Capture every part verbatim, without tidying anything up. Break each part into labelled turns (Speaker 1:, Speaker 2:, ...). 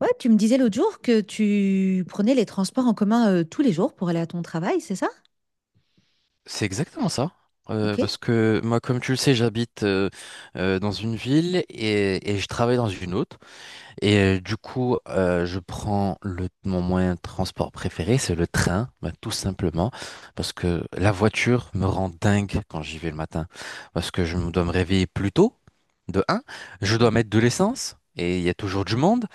Speaker 1: Ouais, tu me disais l'autre jour que tu prenais les transports en commun euh, tous les jours pour aller à ton travail, c'est ça?
Speaker 2: C'est exactement ça. Euh,
Speaker 1: Ok.
Speaker 2: parce que moi, comme tu le sais, j'habite euh, euh, dans une ville et, et je travaille dans une autre. Et euh, du coup, euh, je prends le, mon moyen de transport préféré, c'est le train, bah, tout simplement, parce que la voiture me rend dingue quand j'y vais le matin, parce que je me dois me réveiller plus tôt, de un, je dois
Speaker 1: Ouais.
Speaker 2: mettre de l'essence, et il y a toujours du monde,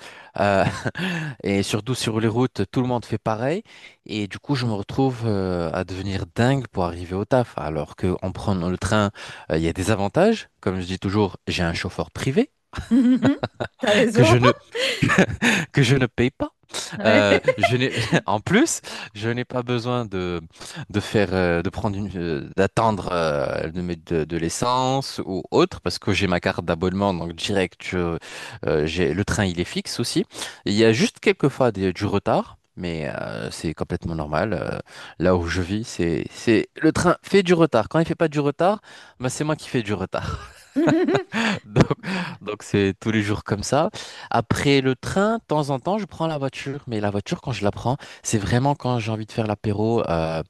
Speaker 2: euh, et surtout sur les routes, tout le monde fait pareil, et du coup, je me retrouve euh, à devenir dingue pour arriver au taf, alors que en prenant le train, euh, il y a des avantages, comme je dis toujours, j'ai un chauffeur privé
Speaker 1: Hum, hum, hum. T'as
Speaker 2: que je
Speaker 1: raison.
Speaker 2: ne que je ne paye pas.
Speaker 1: Ouais.
Speaker 2: Euh, je n'ai, en plus, je n'ai pas besoin de, de faire, euh, de prendre une, euh, d'attendre euh, de, mettre de, de l'essence ou autre, parce que j'ai ma carte d'abonnement, donc direct, je- euh, j'ai, le train il est fixe aussi. Il y a juste quelques fois des- du retard, mais euh, c'est complètement normal. Euh, là où je vis, c'est, c'est, le train fait du retard. Quand il fait pas du retard, bah, c'est moi qui fais du retard.
Speaker 1: Hum, hum,
Speaker 2: Donc,
Speaker 1: hum. Ouais.
Speaker 2: donc c'est tous les jours comme ça. Après le train, de temps en temps, je prends la voiture. Mais la voiture, quand je la prends, c'est vraiment quand j'ai envie de faire l'apéro euh,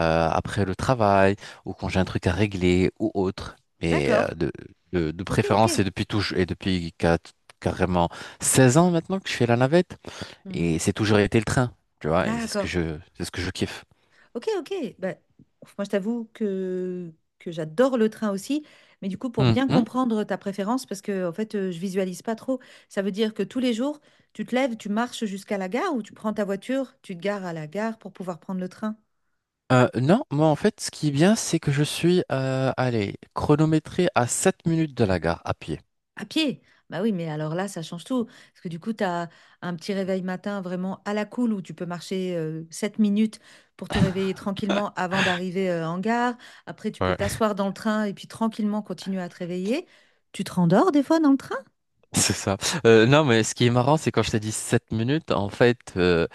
Speaker 2: euh, après le travail ou quand j'ai un truc à régler ou autre. Mais euh,
Speaker 1: D'accord.
Speaker 2: de, de, de
Speaker 1: Ok, ok.
Speaker 2: préférence, et depuis tout, et depuis quat- carrément seize ans maintenant que je fais la navette.
Speaker 1: Hmm.
Speaker 2: Et c'est toujours été le train, tu vois. Et c'est ce que
Speaker 1: D'accord.
Speaker 2: je, c'est ce que je kiffe.
Speaker 1: Ok, ok. Bah, ouf, moi, je t'avoue que, que j'adore le train aussi. Mais du coup, pour bien
Speaker 2: Mhm.
Speaker 1: comprendre ta préférence, parce que en fait, euh, je visualise pas trop, ça veut dire que tous les jours, tu te lèves, tu marches jusqu'à la gare ou tu prends ta voiture, tu te gares à la gare pour pouvoir prendre le train.
Speaker 2: Euh, non, moi en fait, ce qui est bien, c'est que je suis euh, allez, chronométré à sept minutes de la gare à pied.
Speaker 1: À pied? Bah oui, mais alors là, ça change tout. Parce que du coup, tu as un petit réveil matin vraiment à la cool où tu peux marcher euh, 7 minutes pour te réveiller tranquillement avant d'arriver euh, en gare. Après, tu peux
Speaker 2: Ouais,
Speaker 1: t'asseoir dans le train et puis tranquillement continuer à te réveiller. Tu te rendors des fois dans le train?
Speaker 2: c'est ça. Euh, non, mais ce qui est marrant, c'est quand je t'ai dit sept minutes, en fait, euh,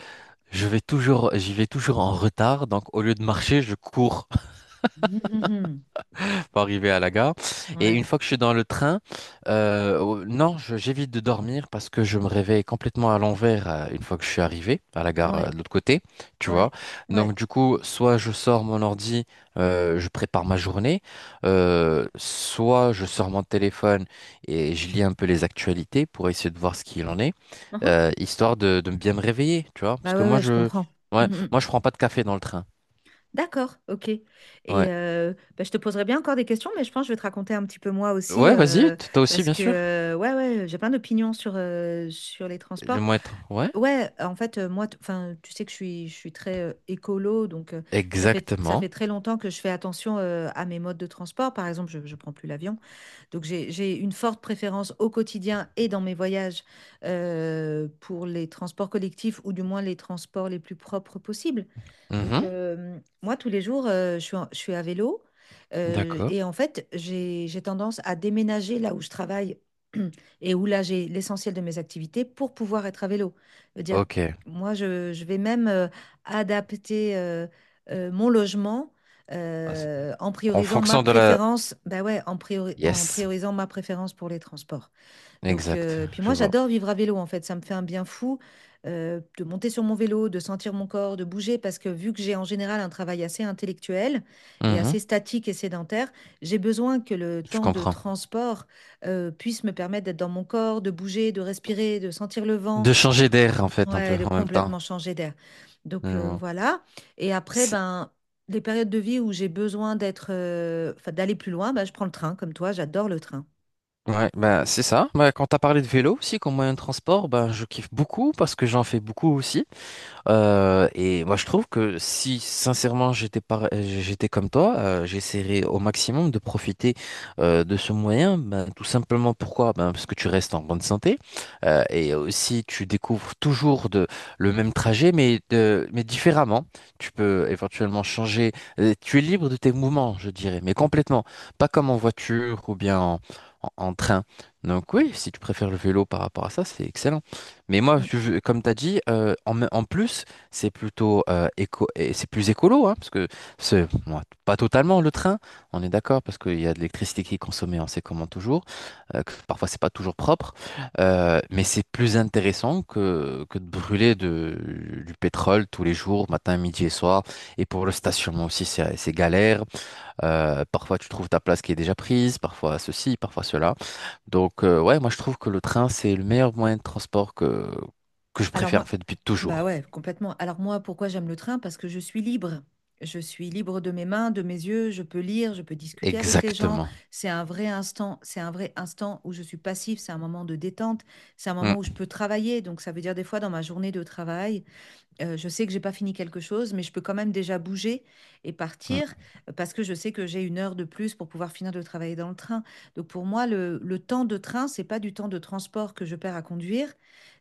Speaker 2: je vais toujours, j'y vais toujours en retard. Donc, au lieu de marcher, je cours
Speaker 1: Mhm. Mhm.
Speaker 2: pour arriver à la gare. Et une
Speaker 1: Ouais,
Speaker 2: fois que je suis dans le train, euh, oh, non, je- j'évite de dormir parce que je me réveille complètement à l'envers euh, une fois que je suis arrivé à la gare euh,
Speaker 1: ouais,
Speaker 2: de l'autre côté, tu vois.
Speaker 1: ouais,
Speaker 2: Donc
Speaker 1: ouais.
Speaker 2: du coup, soit je sors mon ordi, euh, je prépare ma journée, euh, soit je sors mon téléphone et je lis un peu les actualités pour essayer de voir ce qu'il en est,
Speaker 1: Mhm.
Speaker 2: euh, histoire de, de bien me réveiller, tu vois. Parce
Speaker 1: Bah
Speaker 2: que
Speaker 1: ouais,
Speaker 2: moi,
Speaker 1: ouais, je
Speaker 2: je,
Speaker 1: comprends.
Speaker 2: ouais,
Speaker 1: Mhm.
Speaker 2: moi, je prends pas de café dans le train.
Speaker 1: D'accord, ok. Et
Speaker 2: Ouais,
Speaker 1: euh, bah, je te poserai bien encore des questions, mais je pense que je vais te raconter un petit peu moi aussi,
Speaker 2: ouais, vas-y,
Speaker 1: euh,
Speaker 2: t- toi aussi,
Speaker 1: parce
Speaker 2: bien
Speaker 1: que
Speaker 2: sûr.
Speaker 1: euh, ouais, ouais, j'ai plein d'opinions sur, euh, sur les
Speaker 2: Le
Speaker 1: transports.
Speaker 2: moins, ouais.
Speaker 1: Ouais, en fait, euh, moi, t- enfin, tu sais que je suis, je suis très euh, écolo, donc euh, ça fait, ça
Speaker 2: Exactement.
Speaker 1: fait très longtemps que je fais attention euh, à mes modes de transport. Par exemple, je ne prends plus l'avion. Donc j'ai j'ai une forte préférence au quotidien et dans mes voyages euh, pour les transports collectifs ou du moins les transports les plus propres possibles. Donc
Speaker 2: Mhm.
Speaker 1: euh, moi, tous les jours, euh, je suis, en- je suis à vélo euh,
Speaker 2: D'accord.
Speaker 1: et en fait, j'ai j'ai tendance à déménager là où je travaille et où là j'ai l'essentiel de mes activités pour pouvoir être à vélo. C'est-à-dire,
Speaker 2: Ok.
Speaker 1: moi, je, je vais même euh, adapter euh, euh, mon logement
Speaker 2: Ah, c'est-
Speaker 1: euh, en
Speaker 2: En
Speaker 1: priorisant ma
Speaker 2: fonction de la...
Speaker 1: préférence, bah ouais, en priori- en
Speaker 2: Yes.
Speaker 1: priorisant ma préférence pour les transports. Donc,
Speaker 2: Exact.
Speaker 1: euh, puis
Speaker 2: Je
Speaker 1: moi,
Speaker 2: vois.
Speaker 1: j'adore vivre à vélo, en fait. Ça me fait un bien fou euh, de monter sur mon vélo, de sentir mon corps, de bouger, parce que vu que j'ai en général un travail assez intellectuel et
Speaker 2: Mhm.
Speaker 1: assez statique et sédentaire, j'ai besoin que le
Speaker 2: Je
Speaker 1: temps de
Speaker 2: comprends.
Speaker 1: transport euh, puisse me permettre d'être dans mon corps, de bouger, de respirer, de sentir le vent.
Speaker 2: De changer d'air, en fait, un
Speaker 1: Ouais,
Speaker 2: peu
Speaker 1: de
Speaker 2: en même temps.
Speaker 1: complètement changer d'air.
Speaker 2: Je
Speaker 1: Donc euh,
Speaker 2: vois.
Speaker 1: voilà. Et après,
Speaker 2: C'est-
Speaker 1: ben, les périodes de vie où j'ai besoin d'être, euh, enfin, d'aller plus loin, ben, je prends le train, comme toi, j'adore le train.
Speaker 2: Ouais, ben, c'est ça. Ben, quand tu as parlé de vélo aussi comme moyen de transport, ben, je kiffe beaucoup parce que j'en fais beaucoup aussi. Euh, et moi, je trouve que si sincèrement j'étais par- j'étais comme toi, euh, j'essaierais au maximum de profiter euh, de ce moyen. Ben, tout simplement pourquoi? Ben, parce que tu restes en bonne santé euh, et aussi tu découvres toujours de, le même trajet, mais, de, mais différemment. Tu peux éventuellement changer. Euh, tu es libre de tes mouvements, je dirais, mais complètement. Pas comme en voiture ou bien en, en en train. Donc oui, si tu préfères le vélo par rapport à ça, c'est excellent. Mais moi,
Speaker 1: Mm.
Speaker 2: je comme tu as dit, euh, en, me- en plus, c'est plutôt euh, éco, et c'est plus écolo, hein, parce que c'est bon, pas totalement le train, on est d'accord, parce qu'il y a de l'électricité qui est consommée, on sait comment toujours, euh, que parfois c'est pas toujours propre, euh, mais c'est plus intéressant que, que de brûler de, du pétrole tous les jours, matin, midi et soir. Et pour le stationnement aussi, c'est c'est galère. Euh, parfois, tu trouves ta place qui est déjà prise, parfois ceci, parfois cela. Donc, euh, ouais, moi, je trouve que le train, c'est le meilleur moyen de transport que, que je
Speaker 1: Alors
Speaker 2: préfère, en
Speaker 1: moi,
Speaker 2: fait, depuis
Speaker 1: bah
Speaker 2: toujours.
Speaker 1: ouais, complètement. Alors moi, pourquoi j'aime le train? Parce que je suis libre. Je suis libre de mes mains, de mes yeux, je peux lire, je peux discuter avec les gens.
Speaker 2: Exactement.
Speaker 1: C'est un vrai instant, c'est un vrai instant où je suis passif, c'est un moment de détente, c'est un
Speaker 2: Mm,
Speaker 1: moment où je peux travailler. Donc ça veut dire des fois dans ma journée de travail, euh, je sais que j'ai pas fini quelque chose, mais je peux quand même déjà bouger et partir
Speaker 2: mm,
Speaker 1: euh, parce que je sais que j'ai une heure de plus pour pouvoir finir de travailler dans le train. Donc pour moi, le, le temps de train, c'est pas du temps de transport que je perds à conduire,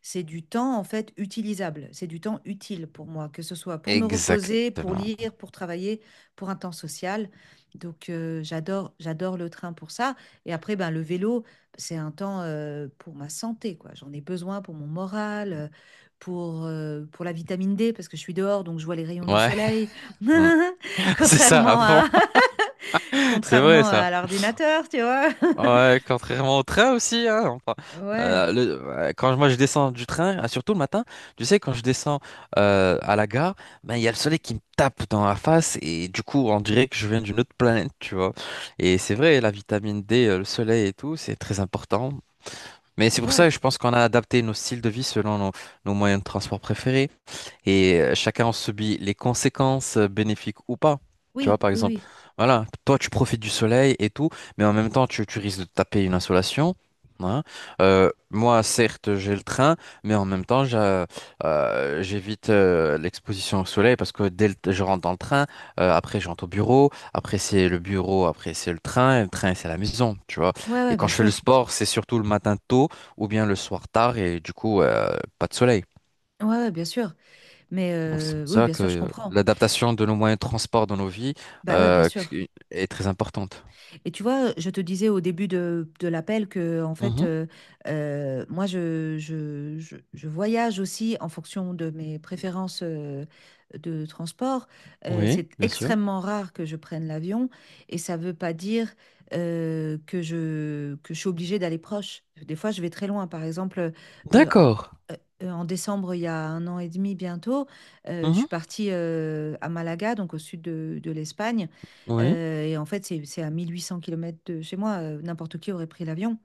Speaker 1: c'est du temps en fait utilisable, c'est du temps utile pour moi, que ce soit pour me reposer, pour
Speaker 2: exactement.
Speaker 1: lire, pour travailler, pour un temps social. Donc euh, j'adore, j'adore le train pour ça. Et après, ben, le vélo, c'est un temps euh, pour ma santé, quoi. J'en ai besoin pour mon moral. euh, pour, euh, pour la vitamine D parce que je suis dehors, donc je vois les rayons du
Speaker 2: Ouais,
Speaker 1: soleil.
Speaker 2: mm. C'est ça, à
Speaker 1: Contrairement
Speaker 2: fond.
Speaker 1: à,
Speaker 2: C'est vrai,
Speaker 1: contrairement
Speaker 2: ça.
Speaker 1: à l'ordinateur, tu vois.
Speaker 2: Ouais, contrairement au train aussi, hein, enfin,
Speaker 1: Ouais,
Speaker 2: euh, le- euh, quand moi je descends du train, ah, surtout le matin, tu sais, quand je descends euh, à la gare, ben il y a le soleil qui me tape dans la face et du coup on dirait que je viens d'une autre planète, tu vois. Et c'est vrai, la vitamine dé, euh, le soleil et tout, c'est très important. Mais c'est pour ça
Speaker 1: ouais,
Speaker 2: que je pense qu'on a adapté nos styles de vie selon nos, nos moyens de transport préférés et euh, chacun en subit les conséquences euh, bénéfiques ou pas. Tu vois,
Speaker 1: oui,
Speaker 2: par
Speaker 1: oui,
Speaker 2: exemple,
Speaker 1: oui.
Speaker 2: voilà, toi tu profites du soleil et tout, mais en même temps tu, tu risques de te taper une insolation, hein. Euh, moi, certes, j'ai le train, mais en même temps, j'a- euh, j'évite euh, l'exposition au soleil parce que dès que je rentre dans le train, euh, après je rentre au bureau, après c'est le bureau, après c'est le train, et le train c'est la maison, tu vois.
Speaker 1: Ouais,
Speaker 2: Et
Speaker 1: ouais,
Speaker 2: quand
Speaker 1: bien
Speaker 2: je fais le
Speaker 1: sûr.
Speaker 2: sport, c'est surtout le matin tôt ou bien le soir tard et du coup, euh, pas de soleil.
Speaker 1: Ouais, ouais, bien sûr. Mais
Speaker 2: Donc c'est
Speaker 1: euh,
Speaker 2: pour
Speaker 1: oui,
Speaker 2: ça
Speaker 1: bien
Speaker 2: que
Speaker 1: sûr, je
Speaker 2: euh,
Speaker 1: comprends.
Speaker 2: l'adaptation de nos moyens de transport dans nos vies
Speaker 1: Bah ouais, bien
Speaker 2: euh,
Speaker 1: sûr.
Speaker 2: est très importante.
Speaker 1: Et tu vois, je te disais au début de, de l'appel que, en fait,
Speaker 2: Mhm.
Speaker 1: euh, euh, moi, je, je, je, je voyage aussi en fonction de mes préférences euh, de transport. Euh,
Speaker 2: Oui,
Speaker 1: c'est
Speaker 2: bien sûr.
Speaker 1: extrêmement rare que je prenne l'avion et ça ne veut pas dire euh, que je, que je suis obligée d'aller proche. Des fois, je vais très loin. Par exemple, euh, en,
Speaker 2: D'accord.
Speaker 1: euh, en décembre, il y a un an et demi bientôt, euh, je
Speaker 2: Mhm.
Speaker 1: suis partie euh, à Malaga, donc au sud de, de l'Espagne.
Speaker 2: Oui,
Speaker 1: Euh, et en fait, c'est c'est à mille huit cents kilomètres km de chez moi. euh, n'importe qui aurait pris l'avion.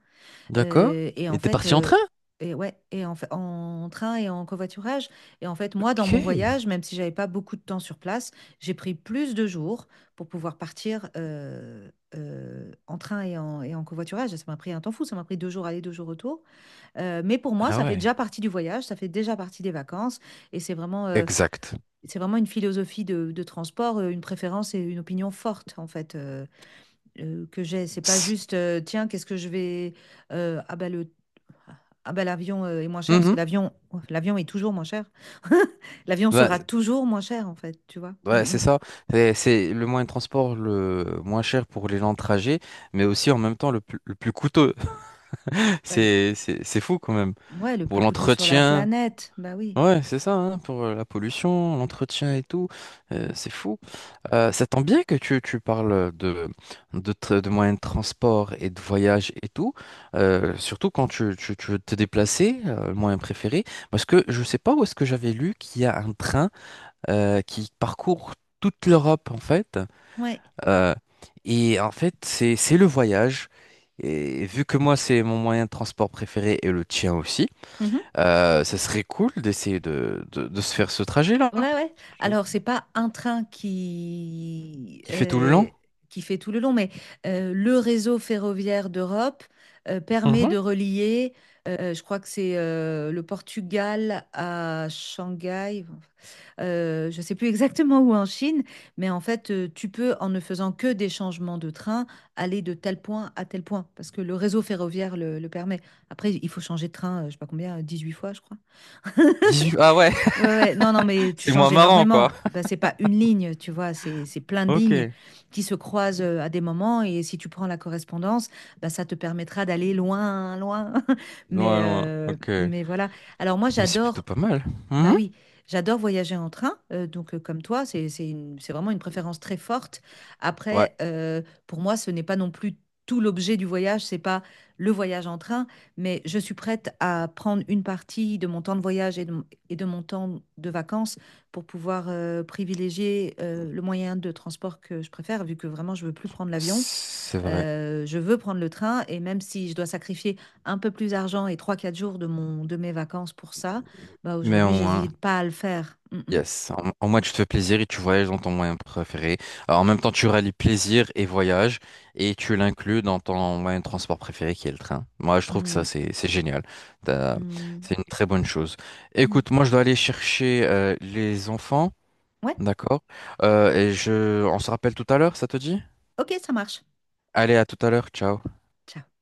Speaker 2: d'accord.
Speaker 1: Euh, et en
Speaker 2: Et t'es
Speaker 1: fait,
Speaker 2: parti en
Speaker 1: euh,
Speaker 2: train?
Speaker 1: et ouais, et en, fa- en train et en covoiturage. Et en fait, moi, dans
Speaker 2: Ok.
Speaker 1: mon voyage, même si j'avais pas beaucoup de temps sur place, j'ai pris plus de jours pour pouvoir partir euh, euh, en train et en, et en covoiturage. Et ça m'a pris un temps fou. Ça m'a pris deux jours aller, deux jours retour. Euh, mais pour moi,
Speaker 2: Ah
Speaker 1: ça fait
Speaker 2: ouais.
Speaker 1: déjà partie du voyage. Ça fait déjà partie des vacances. Et c'est vraiment, euh,
Speaker 2: Exact.
Speaker 1: c'est vraiment une philosophie de, de transport, euh, une préférence et une opinion forte, en fait. euh, euh, que j'ai. C'est pas
Speaker 2: S-
Speaker 1: juste, euh, tiens, qu'est-ce que je vais. euh, ah bah le. Ah bah l'avion euh, est moins cher parce que
Speaker 2: Mhm.
Speaker 1: l'avion oh, l'avion est toujours moins cher. L'avion
Speaker 2: Ouais,
Speaker 1: sera toujours moins cher en fait, tu vois.
Speaker 2: ouais,
Speaker 1: Mm,
Speaker 2: c'est
Speaker 1: mm.
Speaker 2: ça. C'est c'est le moyen de transport le moins cher pour les gens de trajet, mais aussi en même temps le, plus le plus coûteux.
Speaker 1: Bah, le...
Speaker 2: C'est c'est- c'est fou quand même.
Speaker 1: Ouais, le
Speaker 2: Pour
Speaker 1: plus coûteux sur la
Speaker 2: l'entretien.
Speaker 1: planète. Bah oui.
Speaker 2: Ouais, c'est ça, hein, pour euh, la pollution, l'entretien et tout, euh, c'est fou. Euh, ça tombe bien que tu, tu parles de, de, tra- de moyens de transport et de voyage et tout, euh, surtout quand tu, tu, tu veux te déplacer, euh, le moyen préféré, parce que je sais pas où est-ce que j'avais lu qu'il y a un train euh, qui parcourt toute l'Europe en fait,
Speaker 1: Ouais.
Speaker 2: euh, et en fait c'est c'est le voyage, et vu que moi c'est mon moyen de transport préféré et le tien aussi,
Speaker 1: Mhm.
Speaker 2: euh, ça serait cool d'essayer de, de- de se faire ce trajet-là,
Speaker 1: Ouais, ouais. Alors, c'est pas un train qui,
Speaker 2: qui fait tout le
Speaker 1: euh,
Speaker 2: long.
Speaker 1: qui fait tout le long, mais euh, le réseau ferroviaire d'Europe euh, permet
Speaker 2: Mhm.
Speaker 1: de relier, euh, je crois que c'est euh, le Portugal à Shanghai, euh, je sais plus exactement où en Chine, mais en fait, euh, tu peux, en ne faisant que des changements de train, aller de tel point à tel point, parce que le réseau ferroviaire le, le permet. Après, il faut changer de train, euh, je sais pas combien, dix-huit fois, je crois.
Speaker 2: Huit. Ah ouais,
Speaker 1: Ouais, ouais. Non, non, mais tu
Speaker 2: c'est moins
Speaker 1: changes
Speaker 2: marrant, quoi.
Speaker 1: énormément. Bah, c'est pas une ligne, tu vois, c'est c'est plein de lignes
Speaker 2: Ok.
Speaker 1: qui se croisent euh, à des moments. Et si tu prends la correspondance, bah, ça te permettra d'aller loin, loin. Mais,
Speaker 2: Loin, loin.
Speaker 1: euh,
Speaker 2: Ok. Mais
Speaker 1: mais voilà. Alors moi,
Speaker 2: c'est plutôt
Speaker 1: j'adore
Speaker 2: pas mal.
Speaker 1: bah
Speaker 2: Mhm.
Speaker 1: oui, j'adore voyager en train, euh, donc euh, comme toi, c'est c'est une- c'est vraiment une préférence très forte.
Speaker 2: Ouais,
Speaker 1: Après, euh, pour moi, ce n'est pas non plus tout l'objet du voyage, c'est pas le voyage en train, mais je suis prête à prendre une partie de mon temps de voyage et de, mon et de mon temps de vacances pour pouvoir euh, privilégier euh, le moyen de transport que je préfère, vu que vraiment je veux plus prendre l'avion.
Speaker 2: c'est vrai.
Speaker 1: Heu, je veux prendre le train et même si je dois sacrifier un peu plus d'argent et trois quatre jours de mon de mes vacances pour ça, bah,
Speaker 2: Mais au
Speaker 1: aujourd'hui,
Speaker 2: moins.
Speaker 1: j'hésite pas à le faire. Mmh mh.
Speaker 2: Yes, en, en moins tu te fais plaisir et tu voyages dans ton moyen préféré. Alors, en même temps, tu rallies plaisir et voyage et tu l'inclus dans ton moyen de transport préféré qui est le train. Moi, je trouve que ça,
Speaker 1: Mmh.
Speaker 2: c'est, c'est génial. T'as-
Speaker 1: Mmh.
Speaker 2: C'est une très bonne chose.
Speaker 1: Mmh.
Speaker 2: Écoute, moi, je dois aller chercher euh, les enfants,
Speaker 1: Ouais,
Speaker 2: d'accord? Euh, et je, on se rappelle tout à l'heure, ça te dit?
Speaker 1: OK, ça marche.
Speaker 2: Allez, à tout à l'heure, ciao.
Speaker 1: Ciao.